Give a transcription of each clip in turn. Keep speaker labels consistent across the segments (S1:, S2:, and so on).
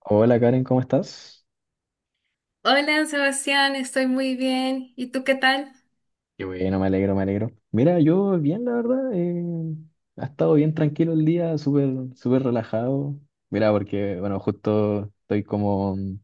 S1: Hola Karen, ¿cómo estás?
S2: Hola Sebastián, estoy muy bien. ¿Y tú qué tal?
S1: Qué bueno, me alegro, me alegro. Mira, yo bien, la verdad. Ha estado bien tranquilo el día, súper, súper relajado. Mira, porque, bueno, justo estoy como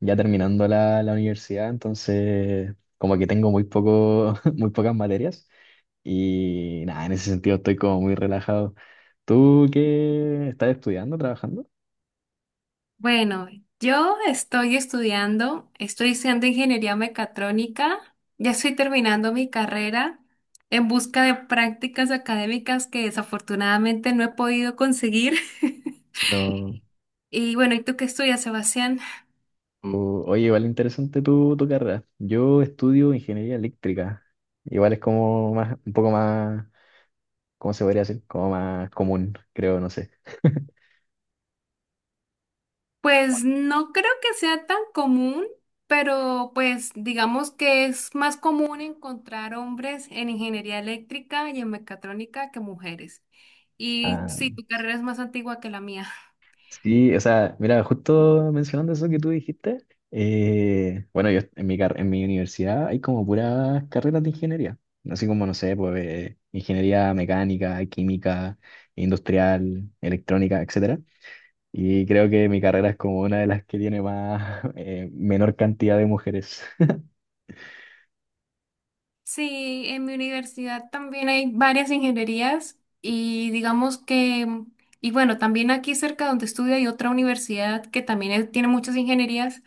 S1: ya terminando la universidad, entonces como que tengo muy poco, muy pocas materias. Y nada, en ese sentido estoy como muy relajado. ¿Tú qué estás estudiando, trabajando?
S2: Bueno, yo estoy estudiando ingeniería mecatrónica, ya estoy terminando mi carrera en busca de prácticas académicas que desafortunadamente no he podido conseguir.
S1: No.
S2: Y bueno, ¿y tú qué estudias, Sebastián?
S1: Oye, igual interesante tu carrera. Yo estudio ingeniería eléctrica. Igual es como más, un poco más, ¿cómo se podría decir? Como más común, creo, no sé.
S2: Pues no creo que sea tan común, pero pues digamos que es más común encontrar hombres en ingeniería eléctrica y en mecatrónica que mujeres. Y
S1: Ah,
S2: sí, tu carrera es más antigua que la mía.
S1: sí, o sea, mira, justo mencionando eso que tú dijiste, bueno, yo en en mi universidad hay como puras carreras de ingeniería, así como, no sé, pues ingeniería mecánica, química, industrial, electrónica, etcétera. Y creo que mi carrera es como una de las que tiene más, menor cantidad de mujeres.
S2: Sí, en mi universidad también hay varias ingenierías y digamos que, y bueno, también aquí cerca donde estudio hay otra universidad que también tiene muchas ingenierías.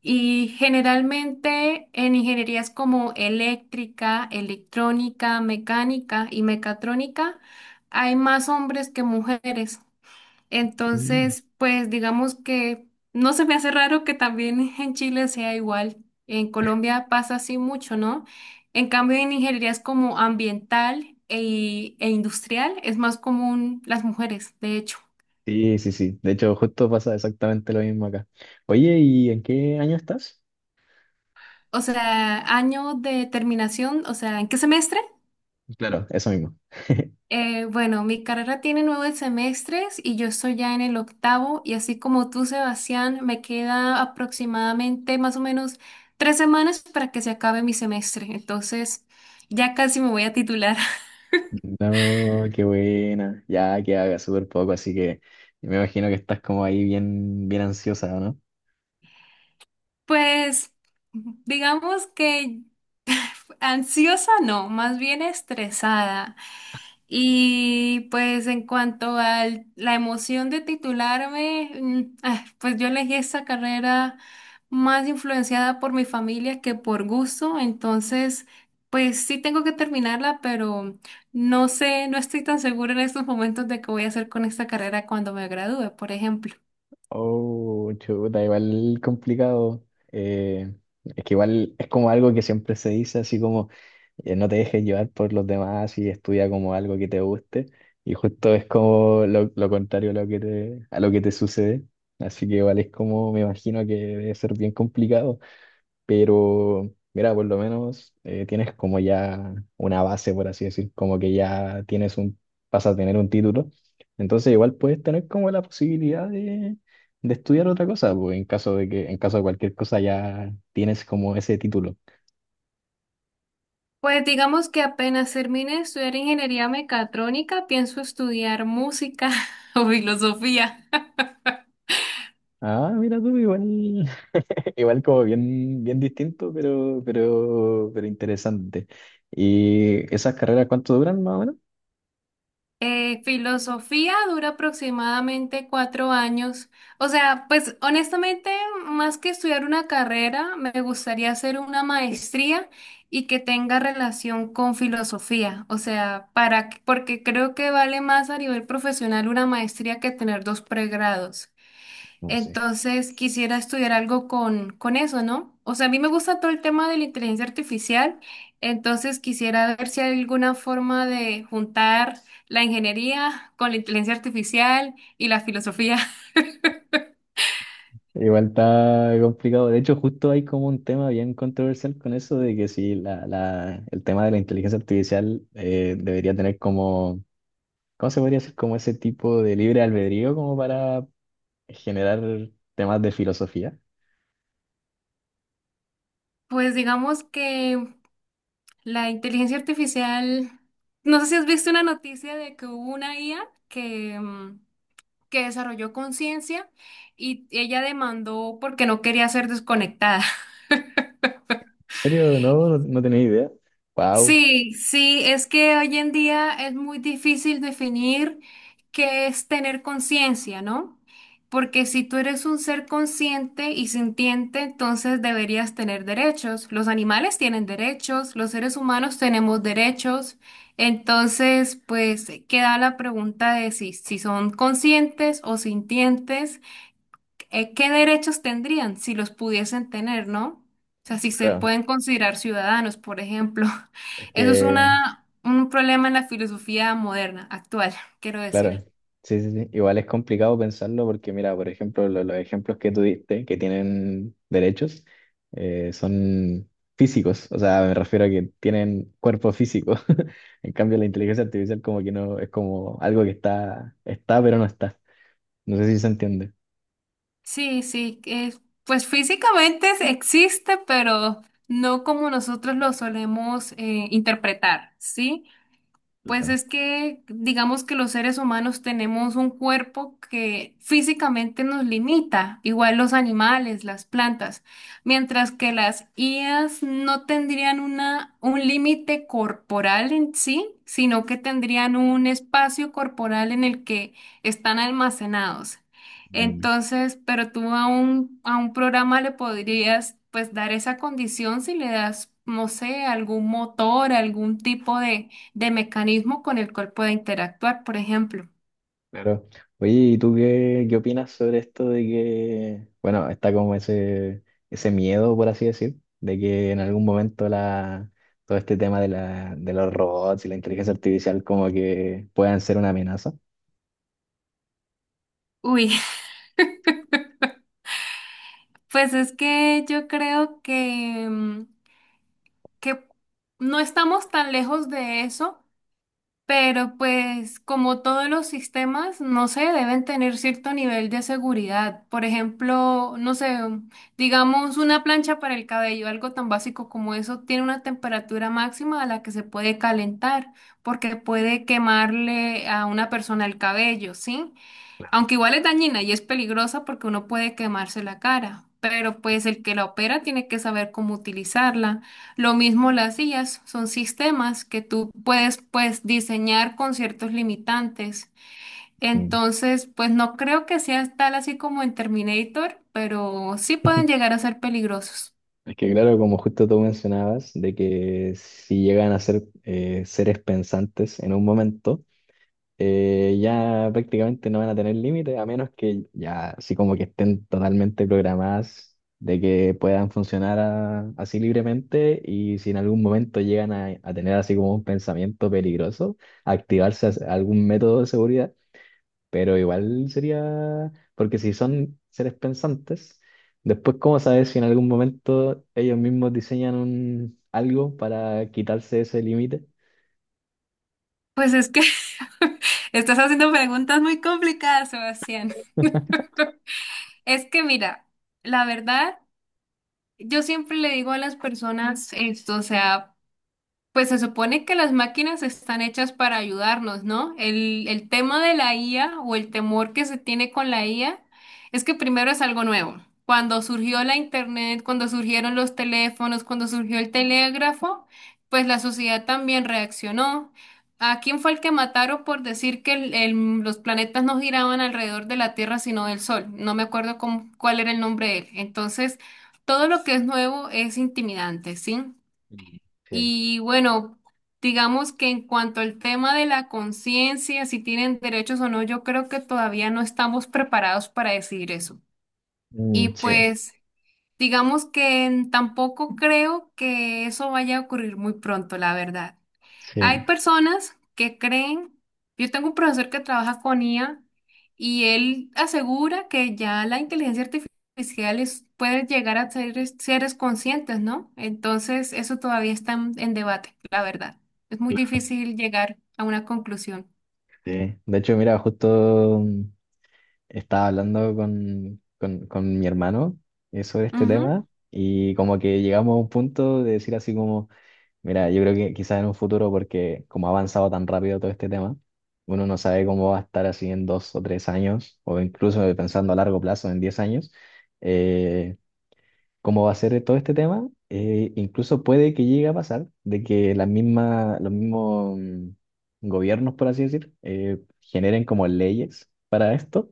S2: Y generalmente en ingenierías como eléctrica, electrónica, mecánica y mecatrónica hay más hombres que mujeres.
S1: Mm.
S2: Entonces, pues digamos que no se me hace raro que también en Chile sea igual. En Colombia pasa así mucho, ¿no? En cambio, en ingenierías como ambiental e industrial es más común las mujeres, de hecho.
S1: Sí, sí, sí. De hecho, justo pasa exactamente lo mismo acá. Oye, ¿y en qué año estás?
S2: O sea, año de terminación, o sea, ¿en qué semestre?
S1: Claro, eso mismo.
S2: Bueno, mi carrera tiene 9 semestres y yo estoy ya en el octavo y así como tú, Sebastián, me queda aproximadamente más o menos 3 semanas para que se acabe mi semestre. Entonces, ya casi me voy a titular.
S1: No, qué buena. Ya que haga súper poco, así que me imagino que estás como ahí bien, bien ansiosa, ¿o no?
S2: Pues, digamos que ansiosa no, más bien estresada. Y pues en cuanto a la emoción de titularme, pues yo elegí esta carrera más influenciada por mi familia que por gusto, entonces pues sí tengo que terminarla, pero no sé, no estoy tan segura en estos momentos de qué voy a hacer con esta carrera cuando me gradúe, por ejemplo.
S1: Oh, chuta, igual complicado. Eh, es que igual es como algo que siempre se dice así como. No te dejes llevar por los demás y estudia como algo que te guste. Y justo es como lo contrario a lo que a lo que te sucede. Así que igual es como, me imagino que debe ser bien complicado, pero mira, por lo menos tienes como ya una base, por así decir, como que ya tienes un, vas a tener un título. Entonces igual puedes tener como la posibilidad de estudiar otra cosa, pues, en caso de que, en caso de cualquier cosa ya tienes como ese título.
S2: Pues digamos que apenas termine de estudiar ingeniería mecatrónica, pienso estudiar música o filosofía.
S1: Ah, mira tú, igual. Igual como bien, bien distinto, pero interesante. ¿Y esas carreras cuánto duran más o menos?
S2: Filosofía dura aproximadamente 4 años. O sea, pues honestamente, más que estudiar una carrera, me gustaría hacer una maestría y que tenga relación con filosofía. O sea, porque creo que vale más a nivel profesional una maestría que tener dos pregrados.
S1: No sé.
S2: Entonces quisiera estudiar algo con eso, ¿no? O sea, a mí me gusta todo el tema de la inteligencia artificial, entonces quisiera ver si hay alguna forma de juntar la ingeniería con la inteligencia artificial y la filosofía.
S1: Igual está complicado. De hecho, justo hay como un tema bien controversial con eso de que si el tema de la inteligencia artificial debería tener como, ¿cómo se podría decir? Como ese tipo de libre albedrío como para generar temas de filosofía.
S2: Pues digamos que la inteligencia artificial, no sé si has visto una noticia de que hubo una IA que, mm, que desarrolló conciencia y ella demandó porque no quería ser desconectada.
S1: ¿En serio? No, no, no tenía idea. Wow.
S2: Sí, sí, es que hoy en día es muy difícil definir qué es tener conciencia, ¿no? Porque si tú eres un ser consciente y sintiente, entonces deberías tener derechos. Los animales tienen derechos, los seres humanos tenemos derechos. Entonces, pues queda la pregunta de si son conscientes o sintientes, ¿qué derechos tendrían si los pudiesen tener? ¿No? O sea, si se
S1: Claro,
S2: pueden considerar ciudadanos, por ejemplo.
S1: es
S2: Eso es
S1: que...
S2: un problema en la filosofía moderna, actual, quiero
S1: Claro,
S2: decir.
S1: sí, sí, sí. Igual es complicado pensarlo porque, mira, por ejemplo, los ejemplos que tú diste, que tienen derechos, son físicos, o sea, me refiero a que tienen cuerpo físico. En cambio, la inteligencia artificial como que no, es como algo que está, pero no está. No sé si se entiende.
S2: Sí, sí, que, pues físicamente existe, pero no como nosotros lo solemos interpretar, ¿sí? Pues
S1: Claro.
S2: es que digamos que los seres humanos tenemos un cuerpo que físicamente nos limita, igual los animales, las plantas, mientras que las IAs no tendrían un límite corporal en sí, sino que tendrían un espacio corporal en el que están almacenados.
S1: Claro.
S2: Entonces, pero tú a un programa le podrías pues dar esa condición si le das, no sé, algún motor, algún tipo de mecanismo con el cual pueda interactuar, por ejemplo.
S1: Claro. Oye, ¿y tú qué, qué opinas sobre esto de que, bueno, está como ese miedo, por así decir, de que en algún momento todo este tema de, de los robots y la inteligencia artificial como que puedan ser una amenaza?
S2: Uy, pues es que yo creo que no estamos tan lejos de eso, pero pues como todos los sistemas, no sé, deben tener cierto nivel de seguridad. Por ejemplo, no sé, digamos una plancha para el cabello, algo tan básico como eso, tiene una temperatura máxima a la que se puede calentar, porque puede quemarle a una persona el cabello, ¿sí? Aunque igual es dañina y es peligrosa porque uno puede quemarse la cara, pero pues el que la opera tiene que saber cómo utilizarla. Lo mismo las IAs, son sistemas que tú puedes pues diseñar con ciertos limitantes.
S1: Mm.
S2: Entonces, pues no creo que sea tal así como en Terminator, pero sí pueden llegar a ser peligrosos.
S1: Es que claro, como justo tú mencionabas, de que si llegan a ser seres pensantes en un momento, ya prácticamente no van a tener límite, a menos que ya así como que estén totalmente programadas de que puedan funcionar así libremente y si en algún momento llegan a tener así como un pensamiento peligroso, activarse algún método de seguridad, pero igual sería, porque si son seres pensantes, después cómo saber si en algún momento ellos mismos diseñan un, algo para quitarse ese límite.
S2: Pues es que estás haciendo preguntas muy complicadas, Sebastián. Es que mira, la verdad, yo siempre le digo a las personas esto, o sea, pues se supone que las máquinas están hechas para ayudarnos, ¿no? El tema de la IA o el temor que se tiene con la IA es que primero es algo nuevo. Cuando surgió la internet, cuando surgieron los teléfonos, cuando surgió el telégrafo, pues la sociedad también reaccionó. ¿A quién fue el que mataron por decir que los planetas no giraban alrededor de la Tierra, sino del Sol? No me acuerdo cuál era el nombre de él. Entonces, todo lo que es nuevo es intimidante, ¿sí?
S1: Mm. Sí.
S2: Y bueno, digamos que en cuanto al tema de la conciencia, si tienen derechos o no, yo creo que todavía no estamos preparados para decidir eso. Y
S1: Mm, sí,
S2: pues, digamos que tampoco creo que eso vaya a ocurrir muy pronto, la verdad.
S1: sí.
S2: Hay personas que creen, yo tengo un profesor que trabaja con IA y él asegura que ya la inteligencia artificial puede llegar a ser seres conscientes, ¿no? Entonces, eso todavía está en debate, la verdad. Es muy difícil llegar a una conclusión.
S1: Sí. De hecho, mira, justo estaba hablando con mi hermano sobre este
S2: Ujú.
S1: tema y como que llegamos a un punto de decir así como, mira, yo creo que quizás en un futuro, porque como ha avanzado tan rápido todo este tema, uno no sabe cómo va a estar así en 2 o 3 años, o incluso pensando a largo plazo, en 10 años, eh, cómo va a ser todo este tema, incluso puede que llegue a pasar de que las mismas, los mismos gobiernos, por así decir, generen como leyes para esto,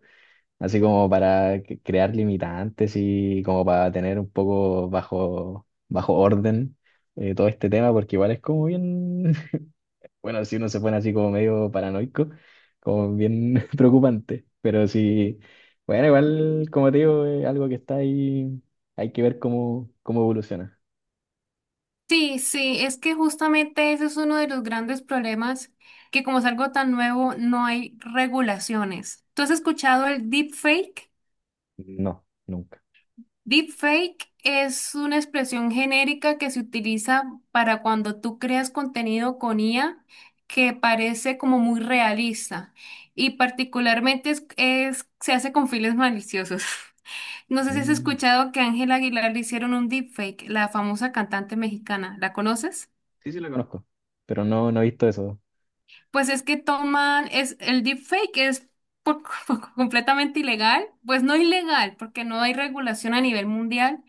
S1: así como crear limitantes y como para tener un poco bajo, bajo orden todo este tema, porque igual es como bien, bueno, si uno se pone así como medio paranoico, como bien preocupante, pero sí, bueno, igual, como te digo, es algo que está ahí, hay que ver cómo, cómo evoluciona.
S2: Sí, sí, es que justamente ese es uno de los grandes problemas, que como es algo tan nuevo, no hay regulaciones. ¿Tú has escuchado el deepfake?
S1: No, nunca.
S2: Deepfake es una expresión genérica que se utiliza para cuando tú creas contenido con IA que parece como muy realista y particularmente se hace con fines maliciosos. No sé si has
S1: Mm,
S2: escuchado que a Ángela Aguilar le hicieron un deepfake, la famosa cantante mexicana. ¿La conoces?
S1: sí la conozco, pero no, no he visto eso.
S2: Pues es que el deepfake es por- completamente ilegal, pues no ilegal, porque no hay regulación a nivel mundial,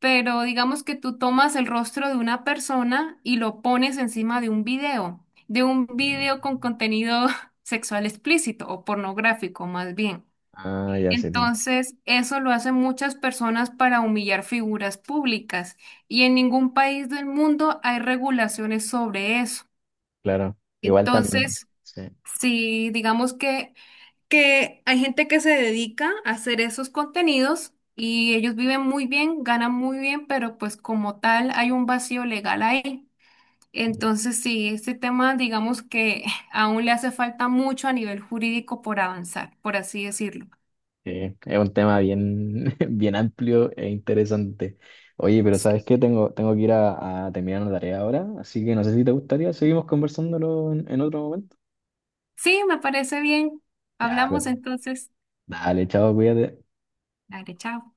S2: pero digamos que tú tomas el rostro de una persona y lo pones encima de un video, con contenido sexual explícito o pornográfico más bien.
S1: Ah, ya sé, sí,
S2: Entonces, eso lo hacen muchas personas para humillar figuras públicas y en ningún país del mundo hay regulaciones sobre eso.
S1: claro. Igual también,
S2: Entonces,
S1: sí.
S2: si digamos que hay gente que se dedica a hacer esos contenidos y ellos viven muy bien, ganan muy bien, pero pues como tal hay un vacío legal ahí. Entonces, sí, este tema digamos que aún le hace falta mucho a nivel jurídico por avanzar, por así decirlo.
S1: Sí, es un tema bien, bien amplio e interesante. Oye, pero ¿sabes
S2: Sí,
S1: qué? Tengo, tengo que ir a terminar una tarea ahora, así que no sé si te gustaría, seguimos conversándolo en otro momento.
S2: sí, me parece bien.
S1: Ya, pues,
S2: Hablamos entonces.
S1: dale, chao, cuídate.
S2: Dale, chao.